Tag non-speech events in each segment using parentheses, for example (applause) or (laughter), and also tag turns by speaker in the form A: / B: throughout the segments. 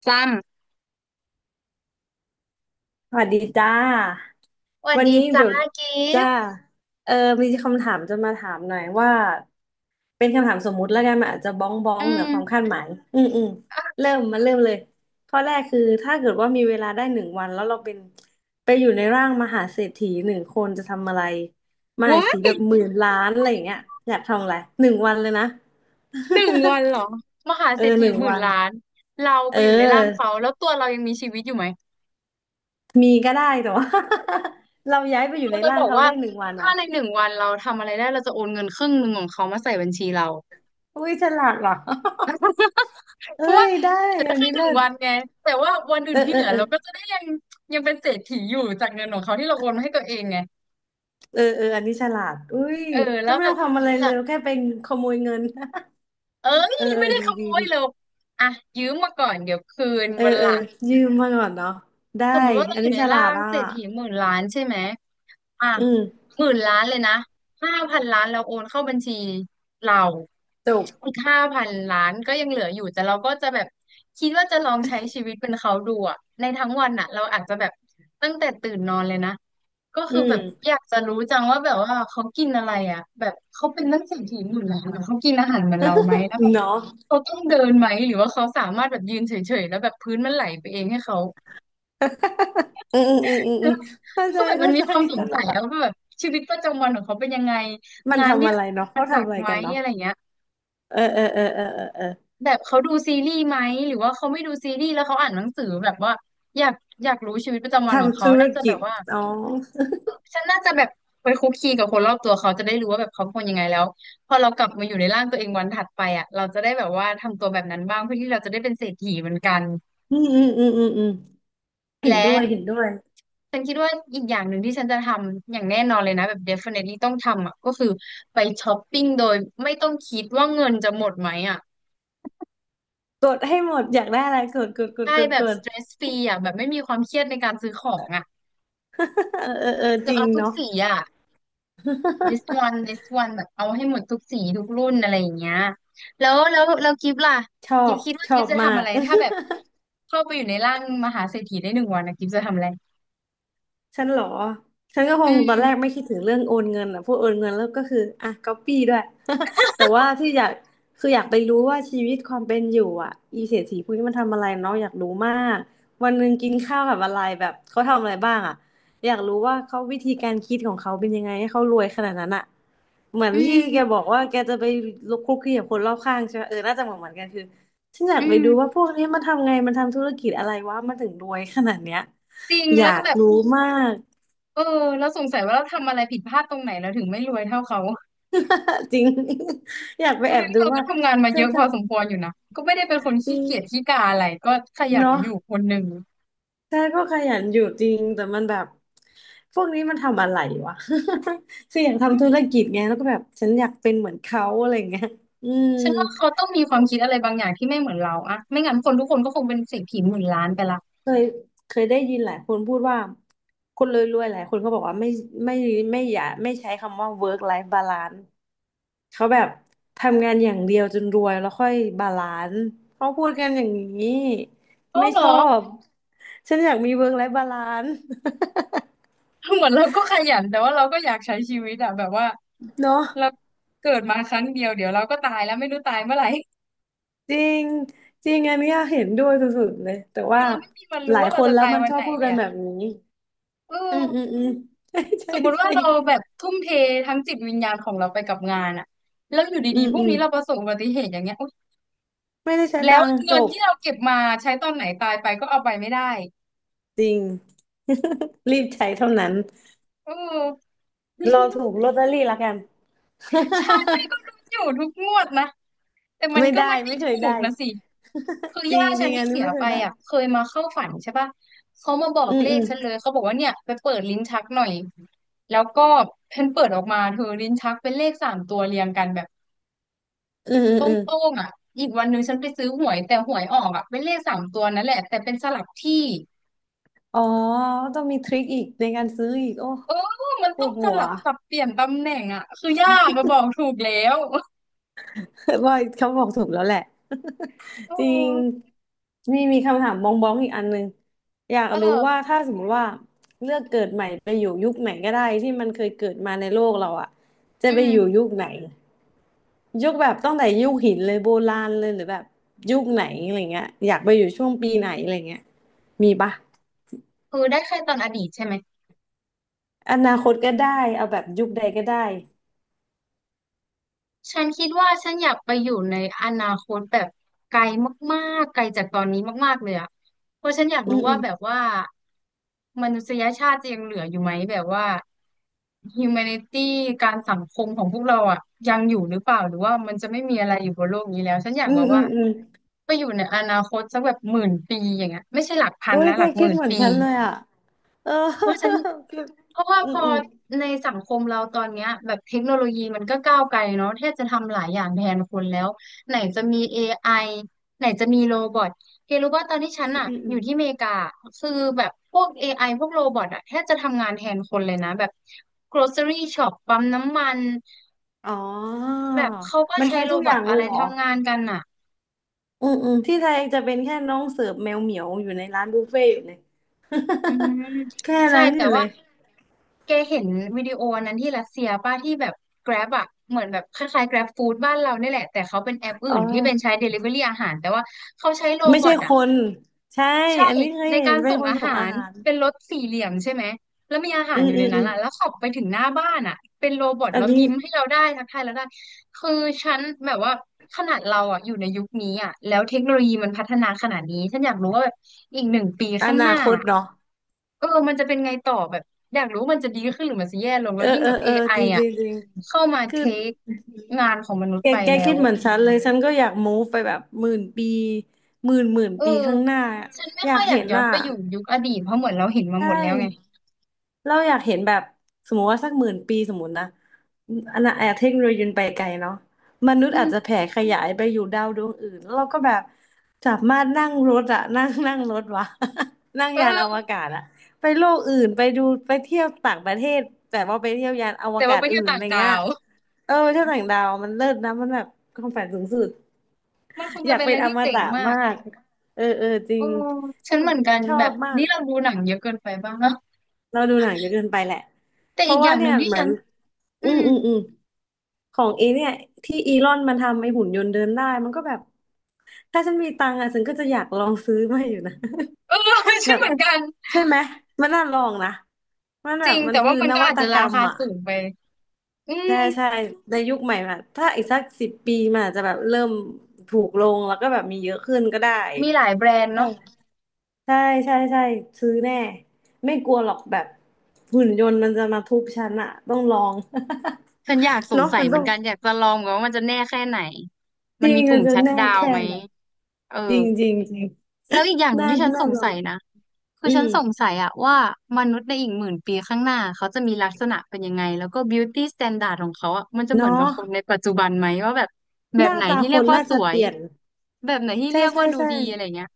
A: ซม
B: สวัสดีจ้า
A: สวัส
B: วัน
A: ดี
B: นี้
A: จ้า
B: เดี๋ยว
A: กิฟ
B: จ้า
A: ต์
B: เออมีคำถามจะมาถามหน่อยว่าเป็นคำถามสมมุติแล้วกันมันอาจจะบ้องบ้อ
A: อื
B: งเหนือความ
A: ม
B: คาดหมายอืมอืมเริ่มมาเริ่มเลยข้อแรกคือถ้าเกิดว่ามีเวลาได้หนึ่งวันแล้วเราเป็นไปอยู่ในร่างมหาเศรษฐีหนึ่งคนจะทำอะไรมหาเศ
A: ว้า
B: รษฐีแบบ
A: ย
B: หมื่นล้านอะไรอย่างเงี้ยอยากทำอะไรหนึ่งวันเลยนะ
A: หนึ่งวันเหรอมหา
B: (laughs) เออ
A: เศรษ
B: ห
A: ฐี
B: นึ่ง
A: หมื่
B: วั
A: น
B: น
A: ล้านเราไป
B: เออ
A: อยู่ในร่างเขาแล้วตัวเรายังมีชีวิตอยู่ไหม
B: มีก็ได้แต่ว่า (laughs) เราย้ายไปอยู่
A: เรา
B: ใน
A: จะ
B: ร่า
A: บ
B: ง
A: อก
B: เขา
A: ว่า
B: ได้หนึ่งวัน
A: ถ้า
B: อ่ะ
A: ในหนึ่งวันเราทำอะไรได้เราจะโอนเงินครึ่งหนึ่งของเขามาใส่บัญชีเรา
B: อุ้ยฉลาดว่ะ
A: (laughs)
B: (laughs)
A: เพราะ
B: เอ้
A: ว่า
B: ยได้
A: เหลือ
B: อัน
A: แค่
B: นี้
A: หนึ่ง
B: เลิศ
A: วันไงแต่ว่าวันอื่
B: เอ
A: น
B: อ
A: ที่
B: เอ
A: เห
B: อ
A: ลือ
B: เออ
A: เราก็จะได้ยังเป็นเศรษฐีอยู่จากเงินของเขาที่เราโอนมาให้ตัวเองไง
B: เออเอออันนี้ฉลาดอุ้ย
A: เออแล้
B: ก็
A: ว
B: ไม่
A: แบ
B: ต้อ
A: บ
B: งทำอะไร
A: ห
B: เล
A: ลั
B: ย
A: ง
B: แค่ไปขโมยเงิน
A: เอ้
B: (laughs)
A: ย
B: เออเอ
A: ไม่
B: อ
A: ได้
B: ดี
A: ขโม
B: ดี
A: ยเรา
B: ดี
A: อ่ะยืมมาก่อนเดี๋ยวคืน
B: เออ
A: วันห
B: เออ
A: ลัง
B: ยืมมาก่อนเนาะได้
A: สมมุติว่าเรา
B: อัน
A: อยู่
B: นี้
A: ใน
B: ฉลา
A: ร่า
B: ด
A: ง
B: อ่ะ
A: เศรษฐีหมื่นล้านใช่ไหมอ่ะ
B: อืม
A: หมื่นล้านเลยนะห้าพันล้านเราโอนเข้าบัญชีเรา
B: จบ
A: อีกห้าพันล้านก็ยังเหลืออยู่แต่เราก็จะแบบคิดว่าจะลองใช้ชีวิตเป็นเขาดูอะในทั้งวันอะเราอาจจะแบบตั้งแต่ตื่นนอนเลยนะก็
B: อื
A: คือแบบอ
B: ม
A: ยากจะรู้จังว่าแบบว่าเขากินอะไรอะแบบเขาเป็นนักเศรษฐีหมื่นล้านอะเขากินอาหารเหมือนเราไหมแล้วแบบ
B: เนาะ
A: เขาต้องเดินไหมหรือว่าเขาสามารถแบบยืนเฉยๆแล้วแบบพื้นมันไหลไปเองให้เขา
B: อืมอืมอืม
A: ก็
B: อืมอเข้าใจ
A: คือแบบมัน
B: เข้า
A: มี
B: ใจ
A: ความส
B: ต
A: ง
B: ล
A: สัย
B: กอ่ะ
A: อะว่าแบบชีวิตประจำวันของเขาเป็นยังไง
B: มัน
A: งานที่
B: ทำอะไร
A: เขา
B: เนาะ
A: ทำมั
B: เขา
A: นหนั
B: ทำ
A: ก
B: อะไร
A: ไหม
B: กันเนาะ
A: อะไรเงี้ย
B: เออเออเออเออเออเออ
A: แบบเขาดูซีรีส์ไหมหรือว่าเขาไม่ดูซีรีส์แล้วเขาอ่านหนังสือแบบว่าอยากอยากรู้ชีวิตประจำวันของ
B: ทำ
A: เขา
B: ธุร
A: น่าจะแบ
B: กิจ
A: บว่า
B: อ๋อ
A: ฉันน่าจะแบบไปคุกคีกับคนรอบตัวเขาจะได้รู้ว่าแบบเขาเป็นคนยังไงแล้วพอเรากลับมาอยู่ในร่างตัวเองวันถัดไปอ่ะเราจะได้แบบว่าทำตัวแบบนั้นบ้างเพื่อที่เราจะได้เป็นเศรษฐีเหมือนกัน
B: อืมอืมอืมอืมอืมเห็น
A: และ
B: ด้วยเห็นด้วย
A: ฉันคิดว่าอีกอย่างหนึ่งที่ฉันจะทำอย่างแน่นอนเลยนะแบบ definitely ต้องทำอ่ะก็คือไปช้อปปิ้งโดยไม่ต้องคิดว่าเงินจะหมดไหมอ่ะ
B: กดให้หมดอยากได้อะไรกดกดกด
A: ใช่
B: กด
A: แบ
B: ก
A: บ
B: ด
A: stress free อ่ะแบบไม่มีความเครียดในการซื้อของอ่ะ
B: (laughs) เออเออเออ
A: คื
B: จ
A: อ
B: ริง
A: เอาทุก
B: เนาะ
A: สีอ่ะ this one this one แบบเอาให้หมดทุกสีทุกรุ่นอะไรอย่างเงี้ยแล้วกิฟต์ล่ะ
B: ชอ
A: กิฟ
B: บ
A: ต์คิดว่า
B: ช
A: กิ
B: อ
A: ฟ
B: บ
A: ต์จะ
B: มา
A: ทำอะ
B: ก
A: ไรถ้าแบบเข้าไปอยู่ในร่างมหาเศรษฐีได้หนึ่งวันนะกิฟต์จะทำอะไร
B: ฉันเหรอฉันก็ค
A: อื
B: งตอนแรกไม่
A: ม
B: คิดถึงเรื่องโอนเงินอ่ะพวกโอนเงินแล้วก็คืออ่ะก๊อปปี้ด้วย (laughs) แต่ว่าที่อยากคืออยากไปรู้ว่าชีวิตความเป็นอยู่อ่ะอีเศรษฐีพวกนี้มันทำอะไรเนาะอยากรู้มากวันหนึ่งกินข้าวกับอะไรแบบเขาทำอะไรบ้างอ่ะอยากรู้ว่าเขาวิธีการคิดของเขาเป็นยังไงให้เขารวยขนาดนั้นอ่ะเหมือน
A: อื
B: ที่
A: ม
B: แกบอกว่าแกจะไปลุกคลุกคลีกับคนรอบข้างใช่ไหมเออน่าจะเหมือนเหมือนกันคือฉันอยา
A: อื
B: กไป
A: ม
B: ดูว่าพวกนี้มันทำไงมันทำธุรกิจอะไรวะมันถึงรวยขนาดเนี้ย
A: จริง
B: อยา
A: แล้ว
B: ก
A: แบบ
B: รู้มาก
A: เออแล้วสงสัยว่าเราทำอะไรผิดพลาดตรงไหนเราถึงไม่รวยเท่าเขา
B: (laughs) จริง (laughs) อยากไป
A: เพ
B: แอ
A: ราะ
B: บ
A: งั้น
B: ดู
A: เราก็
B: ว่า
A: ทำงานมา
B: เธ
A: เย
B: อ
A: อะ
B: ท
A: พอสมควรอยู่นะก็ไม่ได้เป็นคน
B: ำดี
A: ขี้เกียจขี้กาอะไรก็ขยัน
B: เนาะ
A: อยู่คนหนึ่ง
B: แต่ก็ขยันอยู่จริงแต่มันแบบพวกนี้มันทำอะไรวะ (laughs) คืออยากทำธุรกิจไงแล้วก็แบบฉันอยากเป็นเหมือนเขาอะไรเงี้ยอืม
A: ฉันว่าเขาต้องมีความคิดอะไรบางอย่างที่ไม่เหมือนเราอะไม่งั้นคนทุกคนก็คงเป็นเศรษฐีหมื่นล้านไปละ
B: เคยเคยได้ยินหลายคนพูดว่าคนรวยๆหลายคนก็บอกว่าไม่ไม่อย่าไม่ใช้คำว่า work life balance เขาแบบทำงานอย่างเดียวจนรวยแล้วค่อยบาลานซ์เขาพูดกันอย่างนี้
A: เออ
B: ไม่
A: เหร
B: ช
A: อ
B: อบฉันอยากมีเวิร์กไลฟ์บาลานซ์
A: เหมือนเราก็ขยันแต่ว่าเราก็อยากใช้ชีวิตอะแบบว่า
B: (laughs) เนาะ
A: เราเกิดมาครั้งเดียวเดี๋ยวเราก็ตายแล้วไม่รู้ตายเมื่อไหร่
B: จริงจริงอันเนี้ยเห็นด้วยสุดๆเลยแต่
A: (laughs) คื
B: ว่า
A: อเราไม่มีวัน
B: ห
A: รู้
B: ลาย
A: ว่า
B: ค
A: เรา
B: น
A: จะ
B: แล้ว
A: ตาย
B: มัน
A: วั
B: ช
A: น
B: อบ
A: ไหน
B: พูด
A: เล
B: กั
A: ย
B: น
A: อะ
B: แบบนี้
A: เอ
B: อืมอืม
A: อ
B: อืม (laughs) ใช่ใช่
A: สมมุติว่า
B: ใช่
A: เราแบบทุ่มเททั้งจิตวิญญาณของเราไปกับงานอะแล้วอยู่
B: อื
A: ดี
B: ม
A: ๆพรุ่
B: อื
A: ง
B: ม
A: นี้เราประสบอุบัติเหตุอย่างเงี้ยอุ๊ย
B: ไม่ได้ใช้
A: แล้ว
B: ตังค์จ
A: เงิน
B: บ
A: ที่เราเก็บมาใช้ตอนไหนตายไปก็เอาไปไม่ได้
B: จริง (laughs) รีบใช้เท่านั้น
A: เออ
B: รอถูกล
A: (laughs)
B: อตเตอรี่ละกัน
A: ฉันไม่ก็ดู
B: (laughs)
A: อยู่ทุกงวดนะแต่มัน
B: ไม่
A: ก็
B: ได้
A: มันไม่
B: ไม่เคย
A: ถูก
B: ได้
A: นะสิคือ
B: จริ
A: ย่า
B: งจ
A: ฉั
B: ริ
A: น
B: งอั
A: ที่
B: นนี้
A: เสีย
B: ไม่เค
A: ไป
B: ยได้
A: อ่ะเคยมาเข้าฝันใช่ปะเขามาบอ
B: อื
A: ก
B: ม
A: เล
B: อื
A: ข
B: ม
A: ฉันเลยเขาบอกว่าเนี่ยไปเปิดลิ้นชักหน่อยแล้วก็เพิ่นเปิดออกมาเธอลิ้นชักเป็นเลขสามตัวเรียงกันแบบ
B: อืมอืม
A: โต
B: อืม
A: ้งๆอ่ะอีกวันหนึ่งฉันไปซื้อหวยแต่หวยออกอ่ะเป็นเลขสามตัวนั่นแหละแต่เป็นสลับที่
B: อ๋อต้องมีทริคอีกในการซื้ออีกโอ้
A: เออมัน
B: ป
A: ต้
B: ว
A: อง
B: ด
A: ส
B: หัว
A: ลับสับ
B: (laughs)
A: เปลี่ยนตำแหน่งอ่ะคือยากมาบอกถูกแล้ว (laughs)
B: ว่าเขาบอกถูกแล้วแหละ (laughs)
A: โ
B: จริง
A: อ
B: มีคำถามบองบองอีกอันหนึ่งอยาก
A: เออ
B: รู้ว่าถ้าสมมติว่าเลือกเกิดใหม่ไปอยู่ยุคไหนก็ได้ที่มันเคยเกิดมาในโลกเราอะจะ
A: อื
B: ไปอยู่
A: ม
B: ยุคไหนยุคแบบตั้งแต่ยุคหินเลยโบราณเลยหรือแบบยุคไหนอะไรเงี้ยอยากไปอยู่ช่วงปีไหนอะไรเงี้ยมีปะ
A: คือได้แค่ตอนอดีตใช่ไหม
B: อนาคตก็ได้เอาแบบยุคใดก็ได้
A: ฉันคิดว่าฉันอยากไปอยู่ในอนาคตแบบไกลมากๆไกลจากตอนนี้มากๆเลยอะเพราะฉันอยาก
B: อื
A: รู้ว่าแบบ
B: ม
A: ว่ามนุษยชาติจะยังเหลืออยู่ไหมแบบว่า humanity การสังคมของพวกเราอะยังอยู่หรือเปล่าหรือว่ามันจะไม่มีอะไรอยู่บนโลกนี้แล้วฉันอยาก
B: อื
A: แบ
B: ม
A: บ
B: อื
A: ว่า
B: มอืม
A: ไปอยู่ในอนาคตสักแบบหมื่นปีอย่างเงี้ยไม่ใช่หลักพัน
B: อุ้ย
A: นะห
B: แก
A: ลักห
B: คิ
A: มื่
B: ด
A: น
B: เหมือน
A: ปี
B: ฉันเลยอ่ะเออ
A: เพราะฉัน
B: (laughs) คือ
A: เพราะว่า
B: อื
A: พ
B: ม
A: อ
B: อืม
A: ในสังคมเราตอนเนี้ยแบบเทคโนโลยีมันก็ก้าวไกลเนาะแทบจะทำหลายอย่างแทนคนแล้วไหนจะมี AI ไอไหนจะมีโรบอทเธอรู้ว่าตอนที่ฉั
B: อื
A: น
B: ม
A: อะ
B: อืม
A: อ
B: อืม
A: ยู่ที่อเมริกาคือแบบพวก AI พวกโรบอทอะแทบจะทำงานแทนคนเลยนะแบบ grocery shop ปั๊มน้ำมัน
B: อ๋อ
A: แบบเขาก็
B: มัน
A: ใช้
B: ใช้
A: โร
B: ทุก
A: บ
B: อ
A: อ
B: ย่า
A: ท
B: งเล
A: อะไร
B: ยเหรอ
A: ทำงานกันอะ
B: อืมอืมที่ไทยจะเป็นแค่น้องเสิร์ฟแมวเหมียวอยู่ในร้านบุฟเฟ่ต์อยู่เลย
A: อืม
B: (laughs) แค่
A: ใช่
B: นั้นอ
A: แต่
B: ยู่เล
A: ว่า
B: ย
A: แกเห็นวิดีโออันนั้นที่รัสเซียป้าที่แบบ Grab อะเหมือนแบบคล้ายๆ Grab Food บ้านเราเนี่ยแหละแต่เขาเป็นแอป
B: อ๋
A: อื่
B: อ
A: นที่เป็นใช้ Delivery อาหารแต่ว่าเขาใช้โร
B: ไม่
A: บอ
B: ใช่
A: ท
B: ค
A: อะ
B: น ใช่
A: ใช่
B: อันนี้เคย
A: ใน
B: เห็
A: กา
B: น
A: ร
B: เป็น
A: ส่ง
B: คน
A: อา
B: ส่ง
A: หา
B: อา
A: ร
B: หาร
A: เป็นรถสี่เหลี่ยมใช่ไหมแล้วมีอาหา
B: อื
A: รอ
B: ม
A: ยู่
B: อื
A: ใน
B: ม
A: นั้
B: อื
A: น
B: ม
A: อ่ะแล้วขับไปถึงหน้าบ้านอ่ะเป็นโรบอท
B: อัน
A: แล้ว
B: นี้
A: ยิ้มให้เราได้ทักทายเราได้คือฉันแบบว่าขนาดเราอ่ะอยู่ในยุคนี้อ่ะแล้วเทคโนโลยีมันพัฒนาขนาดนี้ฉันอยากรู้ว่าแบบอีกหนึ่งปี
B: อ
A: ข้างห
B: นา
A: น้า
B: คต
A: อะ
B: เนาะ
A: เออมันจะเป็นไงต่อแบบอยากรู้มันจะดีขึ้นหรือมันจะแย่ลงแล้
B: เอ
A: ว
B: อ
A: ยิ่ง
B: เอ
A: แบ
B: อ
A: บ
B: เออ
A: AI อ
B: จ
A: ไอ
B: ริงจ
A: อ่ะ
B: ริงจริง
A: เข้ามาเท
B: คือ
A: คงานของมนุษ
B: แก
A: ย์ไป
B: แก
A: แล้
B: คิ
A: ว
B: ดเหมือนฉันเลยฉันก็อยาก move ไปแบบหมื่นปีหมื่น
A: เออ
B: ปีข้างหน้า
A: ฉันไม่
B: อยา
A: ค่อ
B: ก
A: ยอยา
B: เห็
A: ก
B: น
A: ย้อน
B: อ่ะ
A: ไปอยู่ยุคอดีตเพราะเหมือนเราเห็นมา
B: ใช่
A: หมดแล้วไง
B: เราอยากเห็นแบบสมมติว่าสักหมื่นปีสมมตินะอันนั้นเทคโนโลยีมันไปไกลเนาะมนุษ
A: อื
B: ย์อาจ
A: ม
B: จะแผ่ขยายไปอยู่ดาวดวงอื่นแล้วเราก็แบบสามารถนั่งรถอะนั่งนั่งรถวะ (laughs) นั่ง
A: เอ
B: ยานอว
A: อ
B: กาศอะไปโลกอื่นไปดูไปเที่ยวต่างประเทศแต่ว่าไปเที่ยวยานอว
A: แต่
B: กา
A: ว่า
B: ศ
A: ไปเที่
B: อื่
A: ยว
B: นอะ
A: ต่าง
B: ไร
A: ดา
B: เงี้ย
A: ว (laughs)
B: เออไปเที่ยวต่างดาวมันเลิศนะมันแบบความฝันสูงสุด
A: มันคง
B: อ
A: จะ
B: ยาก
A: เป็นอะ
B: เป็
A: ไร
B: นอ
A: ที่
B: ม
A: เจ๋ง
B: ตะ
A: มาก
B: มากเออเออจริ
A: โอ้
B: ง
A: ฉั
B: คื
A: น
B: อ
A: เหมือนกัน
B: ชอ
A: แบ
B: บ
A: บ
B: มาก
A: นี่เราดูหนังเยอะเกินไปบ้างเนาะ
B: เราดูหนังเยอะเกินไปแหละ
A: แต่
B: เพ
A: อี
B: ราะ
A: กอ
B: ว่า
A: ย่างห
B: เนี่
A: นึ่
B: ย
A: งที่
B: เหมือ
A: ฉั
B: น
A: นอื
B: อืม
A: ม
B: อืมอืมของเอเนี่ยที่อีลอนมันทำไอ้หุ่นยนต์เดินได้มันก็แบบถ้าฉันมีตังค์อ่ะฉันก็จะอยากลองซื้อมาอยู่นะ
A: เออ (laughs)
B: (laughs) แบ
A: ฉัน
B: บ
A: เหมือนกัน
B: ใช่ไหมมันน่าลองนะมัน
A: จ
B: แบ
A: ริ
B: บ
A: ง
B: มัน
A: แต่
B: คื
A: ว่า
B: อ
A: มัน
B: น
A: ก็
B: วั
A: อาจ
B: ต
A: จะ
B: ก
A: รา
B: รรม
A: คา
B: อ่ะ
A: สูงไปอืม
B: ใช่ใช่ในยุคใหม่อะถ้าอีกสักสิบปีมันอาจจะแบบเริ่มถูกลงแล้วก็แบบมีเยอะขึ้นก็ได้
A: มีหลายแบรนด์เนาะ
B: ใช่ใช่ใช่ซื้อแน่ไม่กลัวหรอกแบบหุ่นยนต์มันจะมาทุบฉันอะต้องลอง
A: ฉันอยากส
B: (laughs)
A: ง
B: เนาะ
A: สัย
B: มัน
A: เหมื
B: ต้
A: อ
B: อ
A: น
B: ง
A: กันอยากจะลองว่ามันจะแน่แค่ไหน
B: จ
A: มัน
B: ริ
A: มี
B: งมั
A: ปุ่
B: น
A: ม
B: จะ
A: ชัต
B: แน่
A: ดาวน์
B: แค่
A: ไหม
B: ไหน
A: เออ
B: จริงจริงจริง
A: แล้วอีกอย่างหนึ่ง
B: น่า
A: ที่ฉันส
B: น่า
A: ง
B: ลอ
A: สั
B: ง
A: ยนะคือ
B: อื
A: ฉัน
B: ม
A: สงสัยอะว่ามนุษย์ในอีกหมื่นปีข้างหน้าเขาจะมีลักษณะเป็นยังไงแล้วก็ beauty standard ของเขาอะมันจะเหมือน
B: เนาะ
A: กับคนในปัจจุบันไหมว่าแบบแบ
B: ห
A: บ
B: น้า
A: ไหน
B: ตา
A: ที่
B: ค
A: เรียก
B: น
A: ว่า
B: น่า
A: ส
B: จะ
A: ว
B: เป
A: ย
B: ลี่ยน
A: แบบไหนที่
B: ใช่
A: เรียก
B: ใช่
A: ว่าดู
B: ใช่
A: ดีอะไรเงี้ย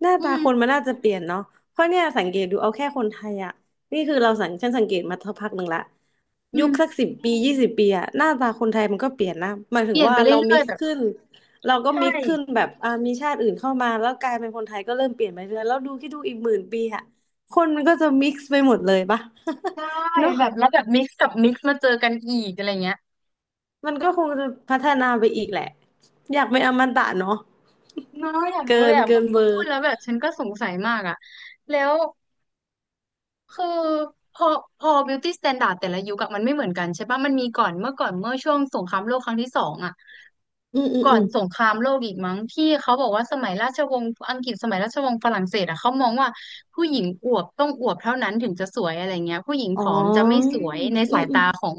B: หน้า
A: อื
B: ตา
A: ม
B: คนมันน่าจะเปลี่ยนเนาะเพราะเนี่ยสังเกตดูเอาแค่คนไทยอะนี่คือเราสังฉันสังเกตมาสักพักหนึ่งละ
A: อื
B: ยุค
A: ม
B: สักสิบปียี่สิบปีอะหน้าตาคนไทยมันก็เปลี่ยนนะ หมาย
A: เป
B: ถึง
A: ลี่ยน
B: ว่า
A: ไปเร
B: เรา
A: ื่
B: มิ
A: อย
B: ก
A: ๆแบ
B: ซ์
A: บ
B: ขึ้นเราก็
A: ใช่
B: มิกซ์ขึ้นแบบอ่ามีชาติอื่นเข้ามาแล้วกลายเป็นคนไทยก็เริ่มเปลี่ยนไปเรื่อยแล้วดูคิดดูอีกหมื่นปีอะคนมันก็จะมิกซ์ไปหมดเลยปะ
A: ใช่
B: (laughs) เนาะ
A: แบบแล้วแบบมิกซ์กับมิกซ์มาเจอกันอีกอะไรเงี้ย
B: มันก็คงจะพัฒนาไปอีกแหละอยากเป็นอมตะเนาะ
A: เน้อยอยากรู้เลยอะพ
B: เกิ
A: อ
B: นเบอ
A: พูด
B: ร์
A: แล้วแบบฉันก็สงสัยมากอะแล้ว คือพอพอ beauty standard แต่ละยุคอะมันไม่เหมือนกันใช่ปะมันมีก่อนเมื่อก่อนเมื่อช่วงสงครามโลกครั้งที่สองอะ
B: อืมอืม
A: ก่อ
B: อื
A: น
B: ม
A: สงครามโลกอีกมั้งที่เขาบอกว่าสมัยราชวงศ์อังกฤษสมัยราชวงศ์ฝรั่งเศสอะเขามองว่าผู้หญิงอวบต้องอวบเท่านั้นถึงจะสวยอะไรเงี้ยผู้หญิง
B: อ๋
A: ผอมจะไม่
B: ออ
A: สวย
B: ืม
A: ใน
B: อื
A: สายตา
B: ม
A: ของ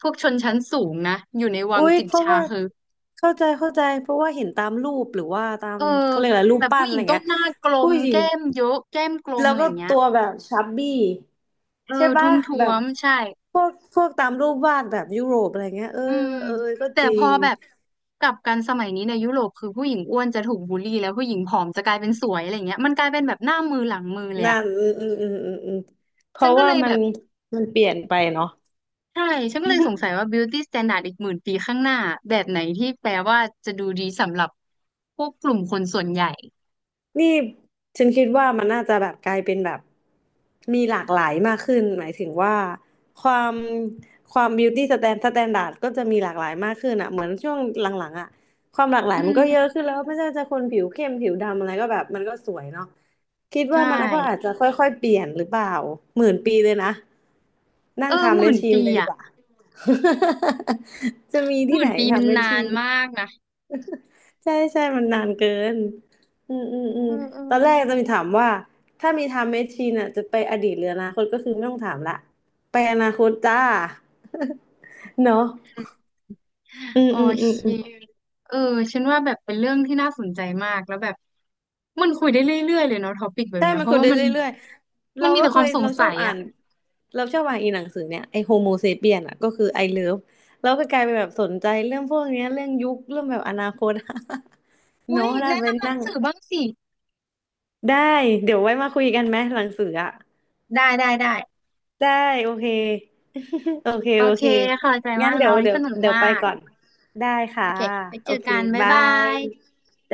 A: พวกชนชั้นสูงนะอยู่ในวัง
B: อุ้ย
A: จิบ
B: เพราะ
A: ชา
B: ว่า
A: คือ
B: เข้าใจเข้าใจเพราะว่าเห็นตามรูปหรือว่าตา
A: เอ
B: ม
A: อ
B: เขาเรียกอะไรรู
A: แบ
B: ป
A: บ
B: ปั้
A: ผู้
B: น
A: ห
B: อะ
A: ญิ
B: ไร
A: งต้อง
B: เงี้ย
A: หน้ากล
B: ผู้
A: ม
B: หญิง
A: แก้มเยอะแก้มกลม
B: แล้ว
A: อะไร
B: ก็
A: เงี้ย
B: ตัวแบบชับบี้
A: เอ
B: ใช่
A: อ
B: ปะ
A: ทุ้มท้
B: แบ
A: ว
B: บ
A: มใช่
B: พวกตามรูปวาดแบบยุโรปอะไรเงี้ยเออ
A: อืม
B: เออเออก็
A: แต่
B: จริ
A: พอ
B: ง
A: แบบกลับกันสมัยนี้ในยุโรปคือผู้หญิงอ้วนจะถูกบูลลี่แล้วผู้หญิงผอมจะกลายเป็นสวยอะไรเงี้ยมันกลายเป็นแบบหน้ามือหลังมือเลย
B: นั่
A: อะ
B: นอืมอืมอืมอืมอืมเพ
A: ฉัน
B: ราะ
A: ก็
B: ว่า
A: เลยแบบ
B: มันเปลี่ยนไปเนาะ
A: ใช่ฉันก็เลยสงสัยว่า beauty standard อีกหมื่นปีข้างหน้าแบบไหนที่แปลว่าจะดูดีสำหรับพวกกลุ่มคนส่วนใหญ่
B: นี่ฉันคิดว่ามันน่าจะแบบกลายเป็นแบบมีหลากหลายมากขึ้นหมายถึงว่าความความ beauty standard ก็จะมีหลากหลายมากขึ้นอ่ะเหมือนช่วงหลังๆอ่ะความหลากหลา
A: อื
B: ยมันก็เยอะ
A: ม
B: ขึ้นแล้วไม่ใช่ว่าจะคนผิวเข้มผิวดำอะไรก็แบบมันก็สวยเนาะคิดว่า
A: ใช่
B: มันก็อาจจะค่อยๆเปลี่ยนหรือเปล่าหมื่นปีเลยนะนั่
A: เอ
B: ง
A: อห
B: ทำแม
A: มื่
B: ช
A: น
B: ชีน
A: ปี
B: ไปดี
A: อะ
B: กว่า (laughs) จะมี
A: ห
B: ที่
A: มื่
B: ไหน
A: นปีมัน
B: ทำแมช
A: นา
B: ชี
A: น
B: น
A: มากนะ
B: ใช่ใช่มันนานเกินอืมอืมอื
A: เอ
B: ม
A: อเออ
B: ตอนแรกจะมีถามว่าถ้ามีไทม์แมชชีนอ่ะจะไปอดีตหรืออนาคตก็คือไม่ต้องถามละไปอนาคตจ้า (laughs) เนาะอืม
A: โอ
B: อืมอื
A: เค
B: มอืม
A: เออ ฉันว่าแบบเป็นเรื่องที่น่าสนใจมาก แล้วแบบมันคุยได้เรื่อยๆเลยเนาะท็อปิกแบบ
B: ใช่
A: เนี้ย
B: มั
A: เพ
B: นคุ
A: ราะ
B: ย
A: ว่า
B: ได้
A: มั
B: เร
A: น
B: ื่อยๆ
A: มั
B: เรา
A: นมี
B: ก็
A: แต่ค
B: เค
A: วาม
B: ย
A: สง
B: เราชอ
A: สั
B: บ
A: ย
B: อ่า
A: อ่ะ
B: นเราชอบอ่านอีหนังสือเนี่ยไอโฮโมเซเปียนอ่ะก็คือไอเลิฟเราก็กลายเป็นแบบสนใจเรื่องพวกเนี้ยเรื่องยุคเรื่องแบบอนาคต (laughs)
A: อุ้
B: เนาะ
A: ย
B: ถ้า
A: แนะ
B: ไป
A: นำหนัง
B: นั่ง
A: สือบ้างสิ
B: ได้เดี๋ยวไว้มาคุยกันไหมหลังสืออ่ะ
A: ได้ได้ได้
B: ได้โอเค (laughs) โอเค
A: โอ
B: โอ
A: เค
B: เค
A: ขอบใจ
B: งั้
A: มา
B: น
A: กนะวันนี้สนุก
B: เดี๋ยว
A: มา
B: ไป
A: ก
B: ก่อนได้
A: โอ
B: ค่ะ
A: เค ไปเจ
B: โอ
A: อ
B: เค
A: กัน บ๊าย
B: บา
A: บา
B: ย
A: ย